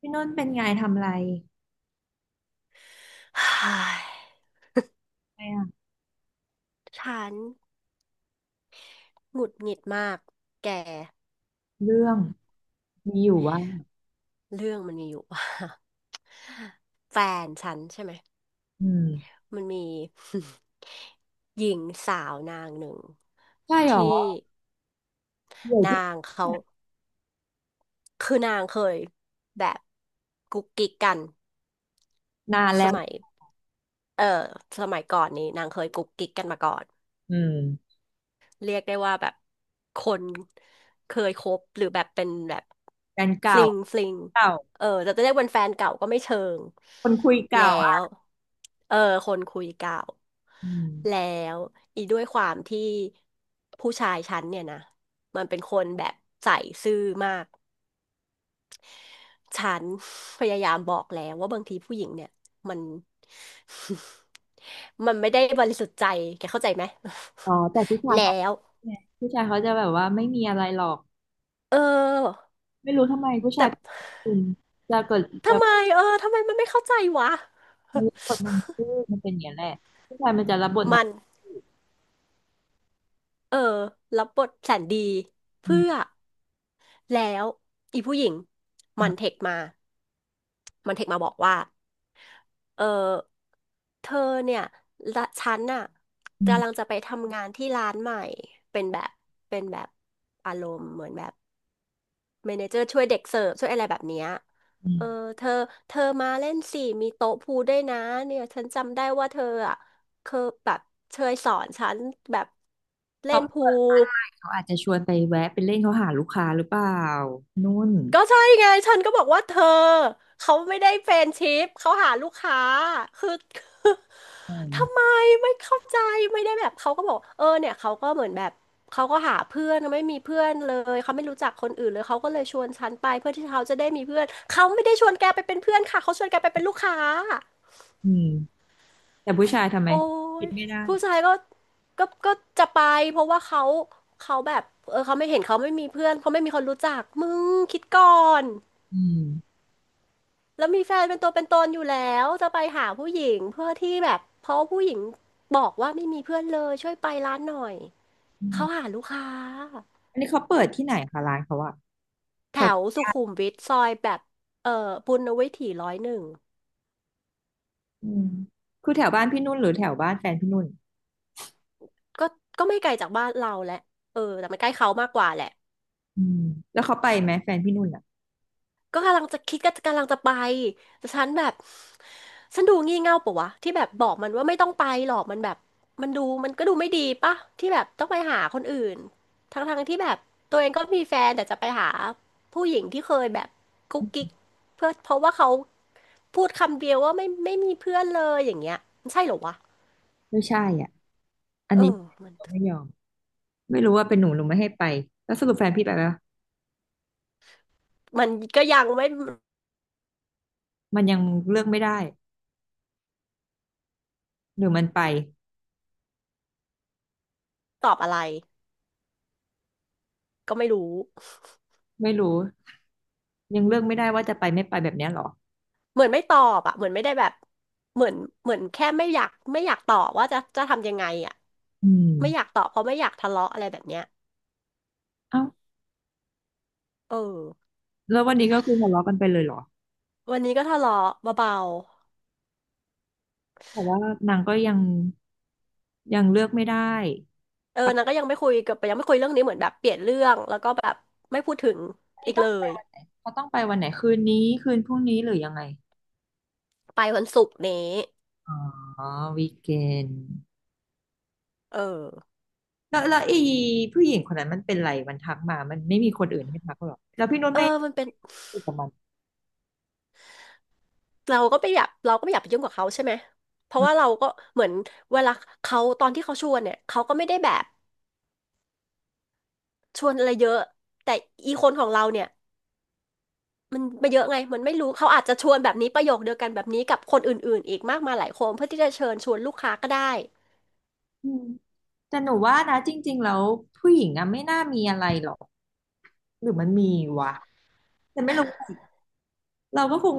พี่นุ่นเป็นไงทำอะไร ฮ่ายไม่อะฉันหงุดหงิดมากแกเรื่องมีอยู่ว่าเรื่องมันมีอยู่ ว่า แฟนฉันใช่ไหมอืมมันมี หญิงสาวนางหนึ่งใช่หรอที่เดี๋ยวที่นางเขาคือนางเคยแบบกุ๊กกิ๊กกันนานสแล้วมัยเออสมัยก่อนนี้นางเคยกุ๊กกิ๊กกันมาก่อน อืมเรียกได้ว่าแบบคนเคยคบหรือแบบเป็นแบบแฟนฟเก่าลิงฟลิงเก่าเออแต่จะเรียกเป็นแฟนเก่าก็ไม่เชิงคนคุยแล้เก่าวอะเออคนคุยเก่าอืแล้มวอีด้วยความที่ผู้ชายฉันเนี่ยนะมันเป็นคนแบบใส่ซื่อมากฉัน พยายามบอกแล้วว่าบางทีผู้หญิงเนี่ยมัน มันไม่ได้บริสุทธิ์ใจแกเข้าใจไหม อ๋อแต่ผู้ ชายแล้เขาวเนี่ยผู้ชายเขาจะแบบว่าไม่มีอะไรหรอกเออ ไม่รู้ทำไมผู้แต่ชายคุณจะเกิดจะทำไมทำไมมันไม่เข้าใจวะ มันรับบทนางเอกมันเป็นอย่างนี้แหละผู้ชายมันจะรับบทนามังนเอกเออรับบทแสนดีอืเพื่มอแล้วอีผู้หญิงทำมันไมเทคมา มันเทคมาบอกว่าเออเธอเนี่ยละฉันน่ะอืกำลังมจะไปทำงานที่ร้านใหม่เป็นแบบเป็นแบบอารมณ์เหมือนแบบ เมเนเจอร์ช่วยเด็กเสิร์ฟช่วยอะไรแบบเนี้ยอืเอมอเธอเธอมาเล่นสิมีโต๊ะพูลด้วยนะเนี่ยฉันจำได้ว่าเธออ่ะเคยแบบเคยสอนฉันแบบเล่เขานพูเปิดล เขาอาจจะชวนไปแวะไปเล่นเขาหาลูกค้าหรือเปล่านุ่นก็ใช่ไงฉันก็บอกว่าเธอเขาไม่ได้แฟรนด์ชิพเขาหาลูกค้าคือ คืออืมทำไมไม่เข้าใจไม่ได้แบบเขาก็บอกเออเนี่ยเขาก็เหมือนแบบเขาก็หาเพื่อนไม่มีเพื่อนเลยเขาไม่รู้จักคนอื่นเลยเขาก็เลยชวนฉันไปเพื่อที่เขาจะได้มีเพื่อนเขาไม่ได้ชวนแกไปเป็นเพื่อนค่ะเขาชวนแกไปเป็นลูกค้าอืม แต่ผู้ชายทำไมโอ้คิยดไม่ได้ผู้ชายก็จะไปเพราะว่าเขาแบบเออเขาไม่เห็นเขาไม่มีเพื่อนเขาไม่มีคนรู้จักมึงคิดก่อน อืมแล้วมีแฟนเป็นตัวเป็นตนอยู่แล้วจะไปหาผู้หญิงเพื่อที่แบบเพราะผู้หญิงบอกว่าไม่มีเพื่อนเลยช่วยไปร้านหน่อยอืเขามหาลูกค้าอันนี้เขาเปิดที่ไหนคะร้านเขาอะแถแถววสุขุมวิทซอยแบบเอ่อปุณณวิถี101อืมคือแถวบ้านพี่นุ่นหรือแถวบ้านแฟนพี่นุ่นก็ก็ไม่ไกลจากบ้านเราแหละเออแต่มันใกล้เขามากกว่าแหละ อืมแล้วเขาไปไหมแฟนพี่นุ่นอะก็กำลังจะคิดก็กำลังจะไปแต่ฉันแบบฉันดูงี่เง่าปะวะที่แบบบอกมันว่าไม่ต้องไปหรอกมันแบบมันดูมันก็ดูไม่ดีปะที่แบบต้องไปหาคนอื่นทั้งที่แบบตัวเองก็มีแฟนแต่จะไปหาผู้หญิงที่เคยแบบกุ๊กกิ๊กเพื่อเพราะว่าเขาพูดคำเดียวว่าไม่มีเพื่อนเลยอย่างเงี้ยมันใช่เหรอวะไม่ใช่อ่ะอันเอนี้อมันเขาไม่ยอม ไม่รู้ว่าเป็นหนูหนูไม่ให้ไป แล้วสรุปแฟนพี่ไปปะมันก็ยังไม่มันยังเลือกไม่ได้หรือมันไปตอบอะไรก็ไม่รู้ ไม่รู้ยังเลือกไม่ได้ว่าจะไปไม่ไปแบบเนี้ยเหรอเหมือนไม่ตอบอะเหมือนไม่ได้แบบเหมือนเหมือนแค่ไม่อยากตอบว่าจะทำยังไงอะอืมไม่อยากตอบเพราะไม่อยากทะเลาะอะไรแบบเนี้ยเอ้าเออแล้ววันนี้ก็คือทะเลาะกันไปเลยเหรอวันนี้ก็ทะเลาะเบาแต่ว่านางก็ยังยังเลือกไม่ได้ ๆเออนางก็ยังไม่คุยเรื่องนี้เหมือนแบบเปลี่ยนเรื่องแล้วก็แบบไม่พูดถึงอีนี่กต้อเลงไปยวันไหนเขาต้องไปวันไหนคืนนี้คืนพรุ่งนี้หรือยังไงไปวันศุกร์นี้อ๋อวีเกนเออแล้วแล้วไอ้ผู้หญิงคนนั้นมันเป็นไรมันทักมามันไม่มีคนอื่นให้ทักหรอกแล้วพี่นุชเออไม่มันเป็นคุยกับมันเราก็ไม่อยากไปยุ่งกับเขาใช่ไหมเพราะว่าเราก็เหมือนเวลาเขาตอนที่เขาชวนเนี่ยเขาก็ไม่ได้แบบชวนอะไรเยอะแต่อีคนของเราเนี่ย มันไปเยอะไงมันไม่รู้เขาอาจจะชวนแบบนี้ประโยคเดียวกันแบบนี้กับคนอื่นๆอีกมากมายหลายคนเพื่อที่จะเชิญชวนลูกค้าก็ได้อืมแต่หนูว่านะจริงๆแล้วผู้หญิงอะไม่น่ามีอะไรหรอกหรือมันมีวะแต่ไม่รู้อะเราก็คง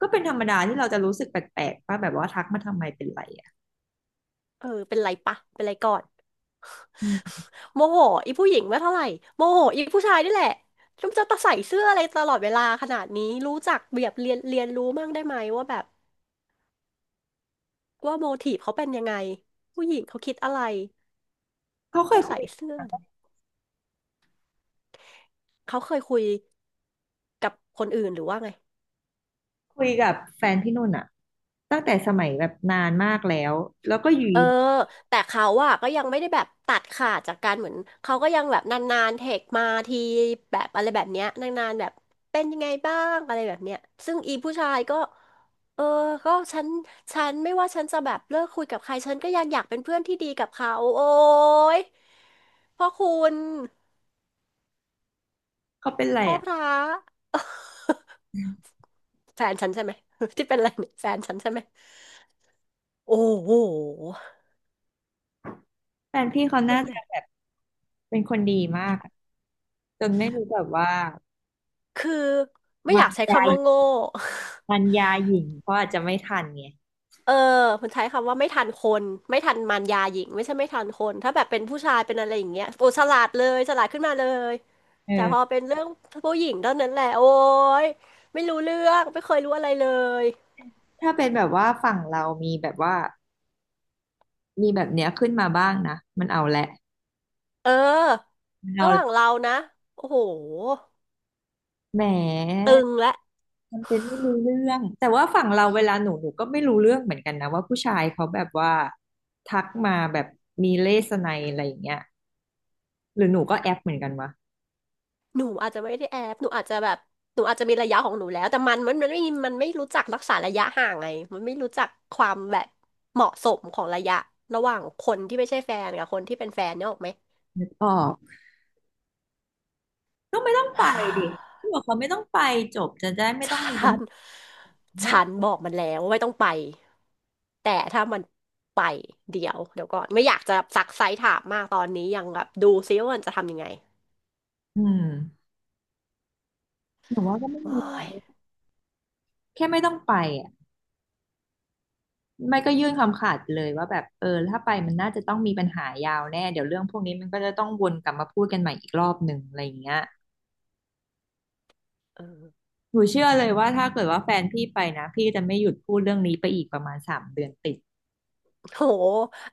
ก็เป็นธรรมดาที่เราจะรู้สึกแปลกๆป่ะแบบว่าทักมาทำไมเป็นไรอ่ะเออเป็นไรปะเป็นไรก่อนอืมโมโหอีผู้หญิงไม่เท่าไหร่โมโหอีผู้ชายนี่แหละจงจะตะใส่เสื้ออะไรตลอดเวลาขนาดนี้รู้จักแบบเรียนเรียนรู้มั่งได้ไหมว่าแบบว่าโมทีฟเขาเป็นยังไงผู้หญิงเขาคิดอะไรเขาเคจะยคุใส่ย เสื้อเขาเคยคุยกับคนอื่นหรือว่าไง คุยกับแฟนพี่นุ่นอะตั้งแต่สมัยแบบนานมากแล้วแล้วก็อยู่เออดีแต่เขาอะก็ยังไม่ได้แบบตัดขาดจากการเหมือนเขาก็ยังแบบนานๆเทคมาทีแบบอะไรแบบเนี้ยนานๆแบบเป็นยังไงบ้างอะไรแบบเนี้ยซึ่งอีผู้ชายก็เออก็ฉันฉันไม่ว่าฉันจะแบบเลิกคุยกับใครฉันก็ยังอยากเป็นเพื่อนที่ดีกับเขาโอ้ยพ่อคุณเขาเป็นไรพ่ออะพระ แฟนฉันใช่ไหม ที่เป็นอะไรเนี่ยแฟนฉันใช่ไหมโอ้โหแฟนพี่เขามัน่านแบจะบ แบบเป็นคนดีมากอะจนไม่รู้แบบว่าคือไม่อมายากใช้ยาคำว่าโง่ มันยาหญิงเขาอาจจะไม่ทันไงเออมันใช้คำว่าไม่ทันคนไม่ทันมารยาหญิงไม่ใช่ไม่ทันคนถ้าแบบเป็นผู้ชายเป็นอะไรอย่างเงี้ยโอ้ฉลาดเลยฉลาดขึ้นมาเลยแต่พอเออเป็นเรื่องผู้หญิงเท่านั้นแหละโอ้ยไม่รู้เรื่องไม่เคยรู้อะไรเลยถ้าเป็นแบบว่าฝั่งเรามีแบบว่ามีแบบเนี้ยขึ้นมาบ้างนะมันเอาแหละเออมันระเอาหแหว่าละงเรานะโอ้โหแหมตึงและ มันเป็นไม่รู้เรื่องแต่ว่าฝั่งเราเวลาหนูหนูก็ไม่รู้เรื่องเหมือนกันนะว่าผู้ชายเขาแบบว่าทักมาแบบมีเลสไนอะไรอย่างเงี้ย หรือหนูก็แอปเหมือนกันวะหนูอาจจะไม่ได้แอบหนูอาจจะแบบหนูอาจจะมีระยะของหนูแล้วแต่มันไม่รู้จักรักษาระยะห่างไงมันไม่รู้จักความแบบเหมาะสมของระยะระหว่างคนที่ไม่ใช่แฟนกับคนที่เป็นแฟนเนี่ยออกไหม ออกก็ไม่ต้องไปดิที่ บอกเขาไม่ต้องไปจบจะได้ไม่ฉต้องมีปััญนหาไม่ฉันบอกมันแล้วว่าไม่ต้องไปแต่ถ้ามันไปเดี๋ยวเดี๋ยวก่อนไม่อยากจะซักไซส์ถามมากตอนนี้ยังแบบดูซิว่ามันจะทำยังไงอืมหนูว่าก็ไม่โอ้มียแค่ไม่ต้องไปอ่ะไม่ก็ยื่นคำขาดไปเลยว่าแบบเออถ้าไปมันน่าจะต้องมีปัญหายาวแน่เดี๋ยวเรื่องพวกนี้มันก็จะต้องวนกลับมาพูดกันใหม่อีกรอบหนึ่งอะไรอย่างเงี้ยเออ หนูเชื่อเลยว่าถ้าเกิดว่าแฟนพี่ไปนะพี่จะไม่หยุดพูดเรื่องนี้ไปอีกประมาณ3 เดือนติด โห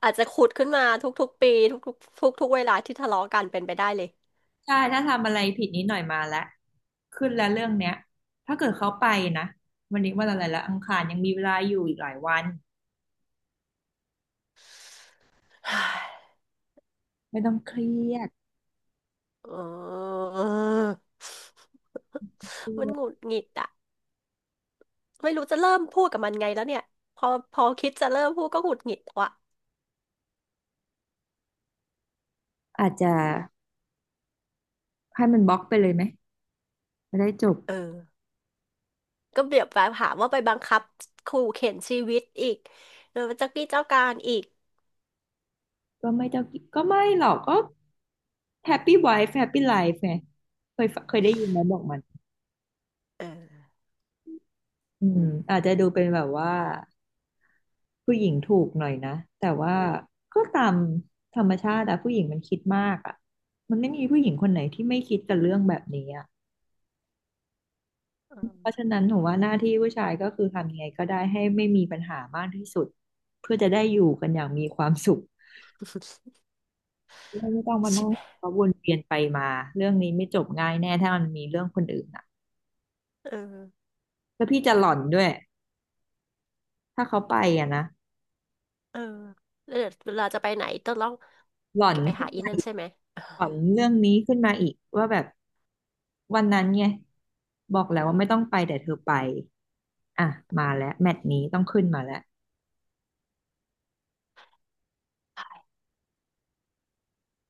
อาจจะขุดขึ้นมาทุกๆปีทุกๆทุกๆเวลาที่ทะเลาะกันเป็นไปได้เลยใช่ถ้าทำอะไรผิดนิดหน่อยมาแล้วขึ้นแล้วเรื่องเนี้ยถ้าเกิดเขาไปนะวันนี้วันอะไรละอังคารยังมีเวลาอยู่อีกหลายวันฮ่าไม่ต้องเครียดเออเครีมันยหงุดดหงิดอะไม่รู้จะเริ่มพูดกับมันไงแล้วเนี่ยพอพอคิดจะเริ่มพูดก็หงุดหงิดว่ะอาจจะให้มันบล็อกไปเลยไหมจะได้จบเออ ก็เบียบแบบหาว่าไปบังคับขู่เข็นชีวิตอีกเออเจ้ากี้เจ้าการอีกก็ไม่ต้องก็ไม่หรอกก็แฮปปี้ไวฟ์แฮปปี้ไลฟ์ไงเคยเคยได้ยินไหมบอกมันเอออืมอาจจะดูเป็นแบบว่าผู้หญิงถูกหน่อยนะแต่ว่าก็ตามธรรมชาติอะผู้หญิงมันคิดมากอะมันไม่มีผู้หญิงคนไหนที่ไม่คิดกับเรื่องแบบนี้อะ เอเพราะฉะนั้นหนูว่าหน้าที่ผู้ชายก็คือทำยังไงก็ได้ให้ไม่มีปัญหามากที่สุดเพื่อจะได้อยู่กันอย่างมีความสุขอไม่ต้องมาใช่นั่งไหมเพราะวนเวียนไปมาเรื่องนี้ไม่จบง่ายแน่ถ้ามันมีเรื่องคนอื่นอ่ะเออแล้วพี่จะหล่อนด้วยถ้าเขาไปอ่ะนะเออแล้วเดี๋ยวเวลาจะไปไหนต้องหล่อนจะไปขึ้หานอีนั่นใช่ไหม หล่อนเรื่องนี้ขึ้นมาอีกว่าแบบวันนั้นไงบอกแล้วว่าไม่ต้องไปแต่เธอไปอ่ะมาแล้วแมตช์นี้ต้องขึ้นมาแล้ว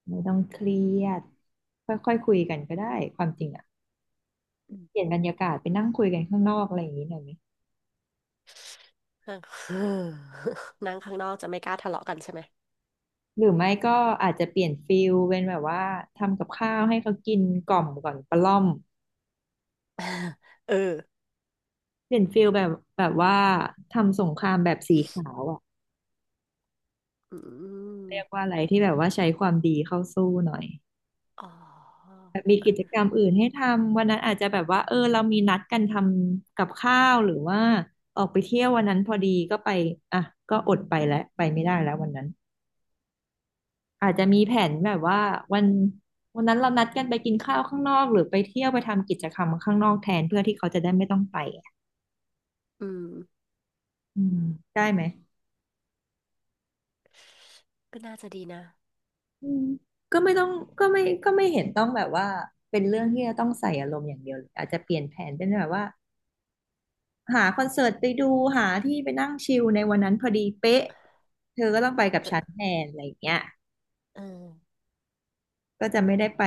ไม่ต้องเครียดค่อยๆคุยกันก็ได้ความจริงอ่ะ เปลี่ยนบรรยากาศไปนั่งคุยกันข้างนอกอะไรอย่างนี้หน่อยไหมนั่ง นั่งข้างนอกจะไม่กล้าทะเลาะกันใช่ไหมหรือไม่ก็อาจจะเปลี่ยนฟิลเป็นแบบว่าทำกับข้าวให้เขากินกล่อมก่อนประล่อมเออเปลี่ยนฟิลแบบแบบว่าทำสงครามแบบสีขาวอ่ะอืมเรียกว่าอะไรที่แบบว่าใช้ความดีเข้าสู้หน่อยอ๋อแบบมีกิจกรรมอื่นให้ทำวันนั้นอาจจะแบบว่าเออเรามีนัดกันทำกับข้าวหรือว่าออกไปเที่ยววันนั้นพอดีก็ไปอ่ะก็อดไปแล้วไปไม่ได้แล้ววันนั้น อาจจะมีแผนแบบว่าวันวันนั้นเรานัดกันไปกินข้าวข้างนอกหรือไปเที่ยวไปทำกิจกรรมข้างนอกแทนเพื่อที่เขาจะได้ไม่ต้องไปอะอืมอืมได้ไหมก็น่าจะดีนะ อืมก็ไม่ต้องก็ไม่ก็ไม่เห็นต้องแบบว่าเป็นเรื่องที่จะต้องใส่อารมณ์อย่างเดียวเลยอาจจะเปลี่ยนแผนเป็นแบบว่าหาคอนเสิร์ตไปดูหาที่ไปนั่งชิลในวันนั้นพอดีเป๊ะเธอก็ต้องไปกับฉันเออแทนอะไรอย่างเงี้ยเออก็จะไม่ได้ไป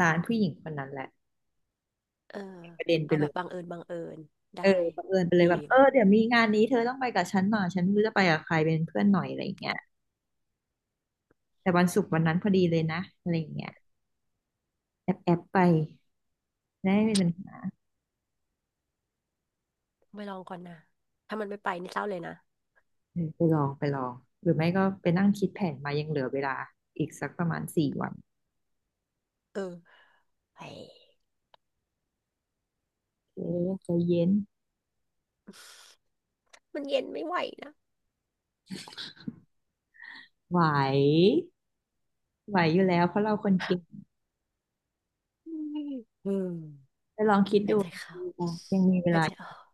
ร้านผู้หญิงคนนั้นแหละเออเป็นประเด็นไปเอาเลแบบย บังเอิญบังเอิญได้เออบังเอิญไปเลดียแบบเออว่ะเดี๋ยวมีงานนี้เธอต้องไปกับฉันหน่อยฉันไม่รู้จะไปกับใครเป็นเพื่อนหน่อยอะไรอย่างเงี้ยแต่วันศุกร์วันนั้นพอดีเลยนะอะไรอย่างเงี้ยแอบแอบไปได้ไม่เป็นปัญหาไปลองก่อนนะ ถ้ามันไม่ไปนี่เศร้าเลยนะเออไปลองหรือไม่ก็ไปนั่งคิดแผนมายังเหลือเวลาอีกสักประมาณ4 วันเออเฮ้ย เออใจเย็น มันเย็นไม่ไหวนะไหวไหวอยู่แล้วเพราะเราคนเก่งอืมอืมไปลองคิดหายดูใจเข้ายังมีเวหายลาใจออก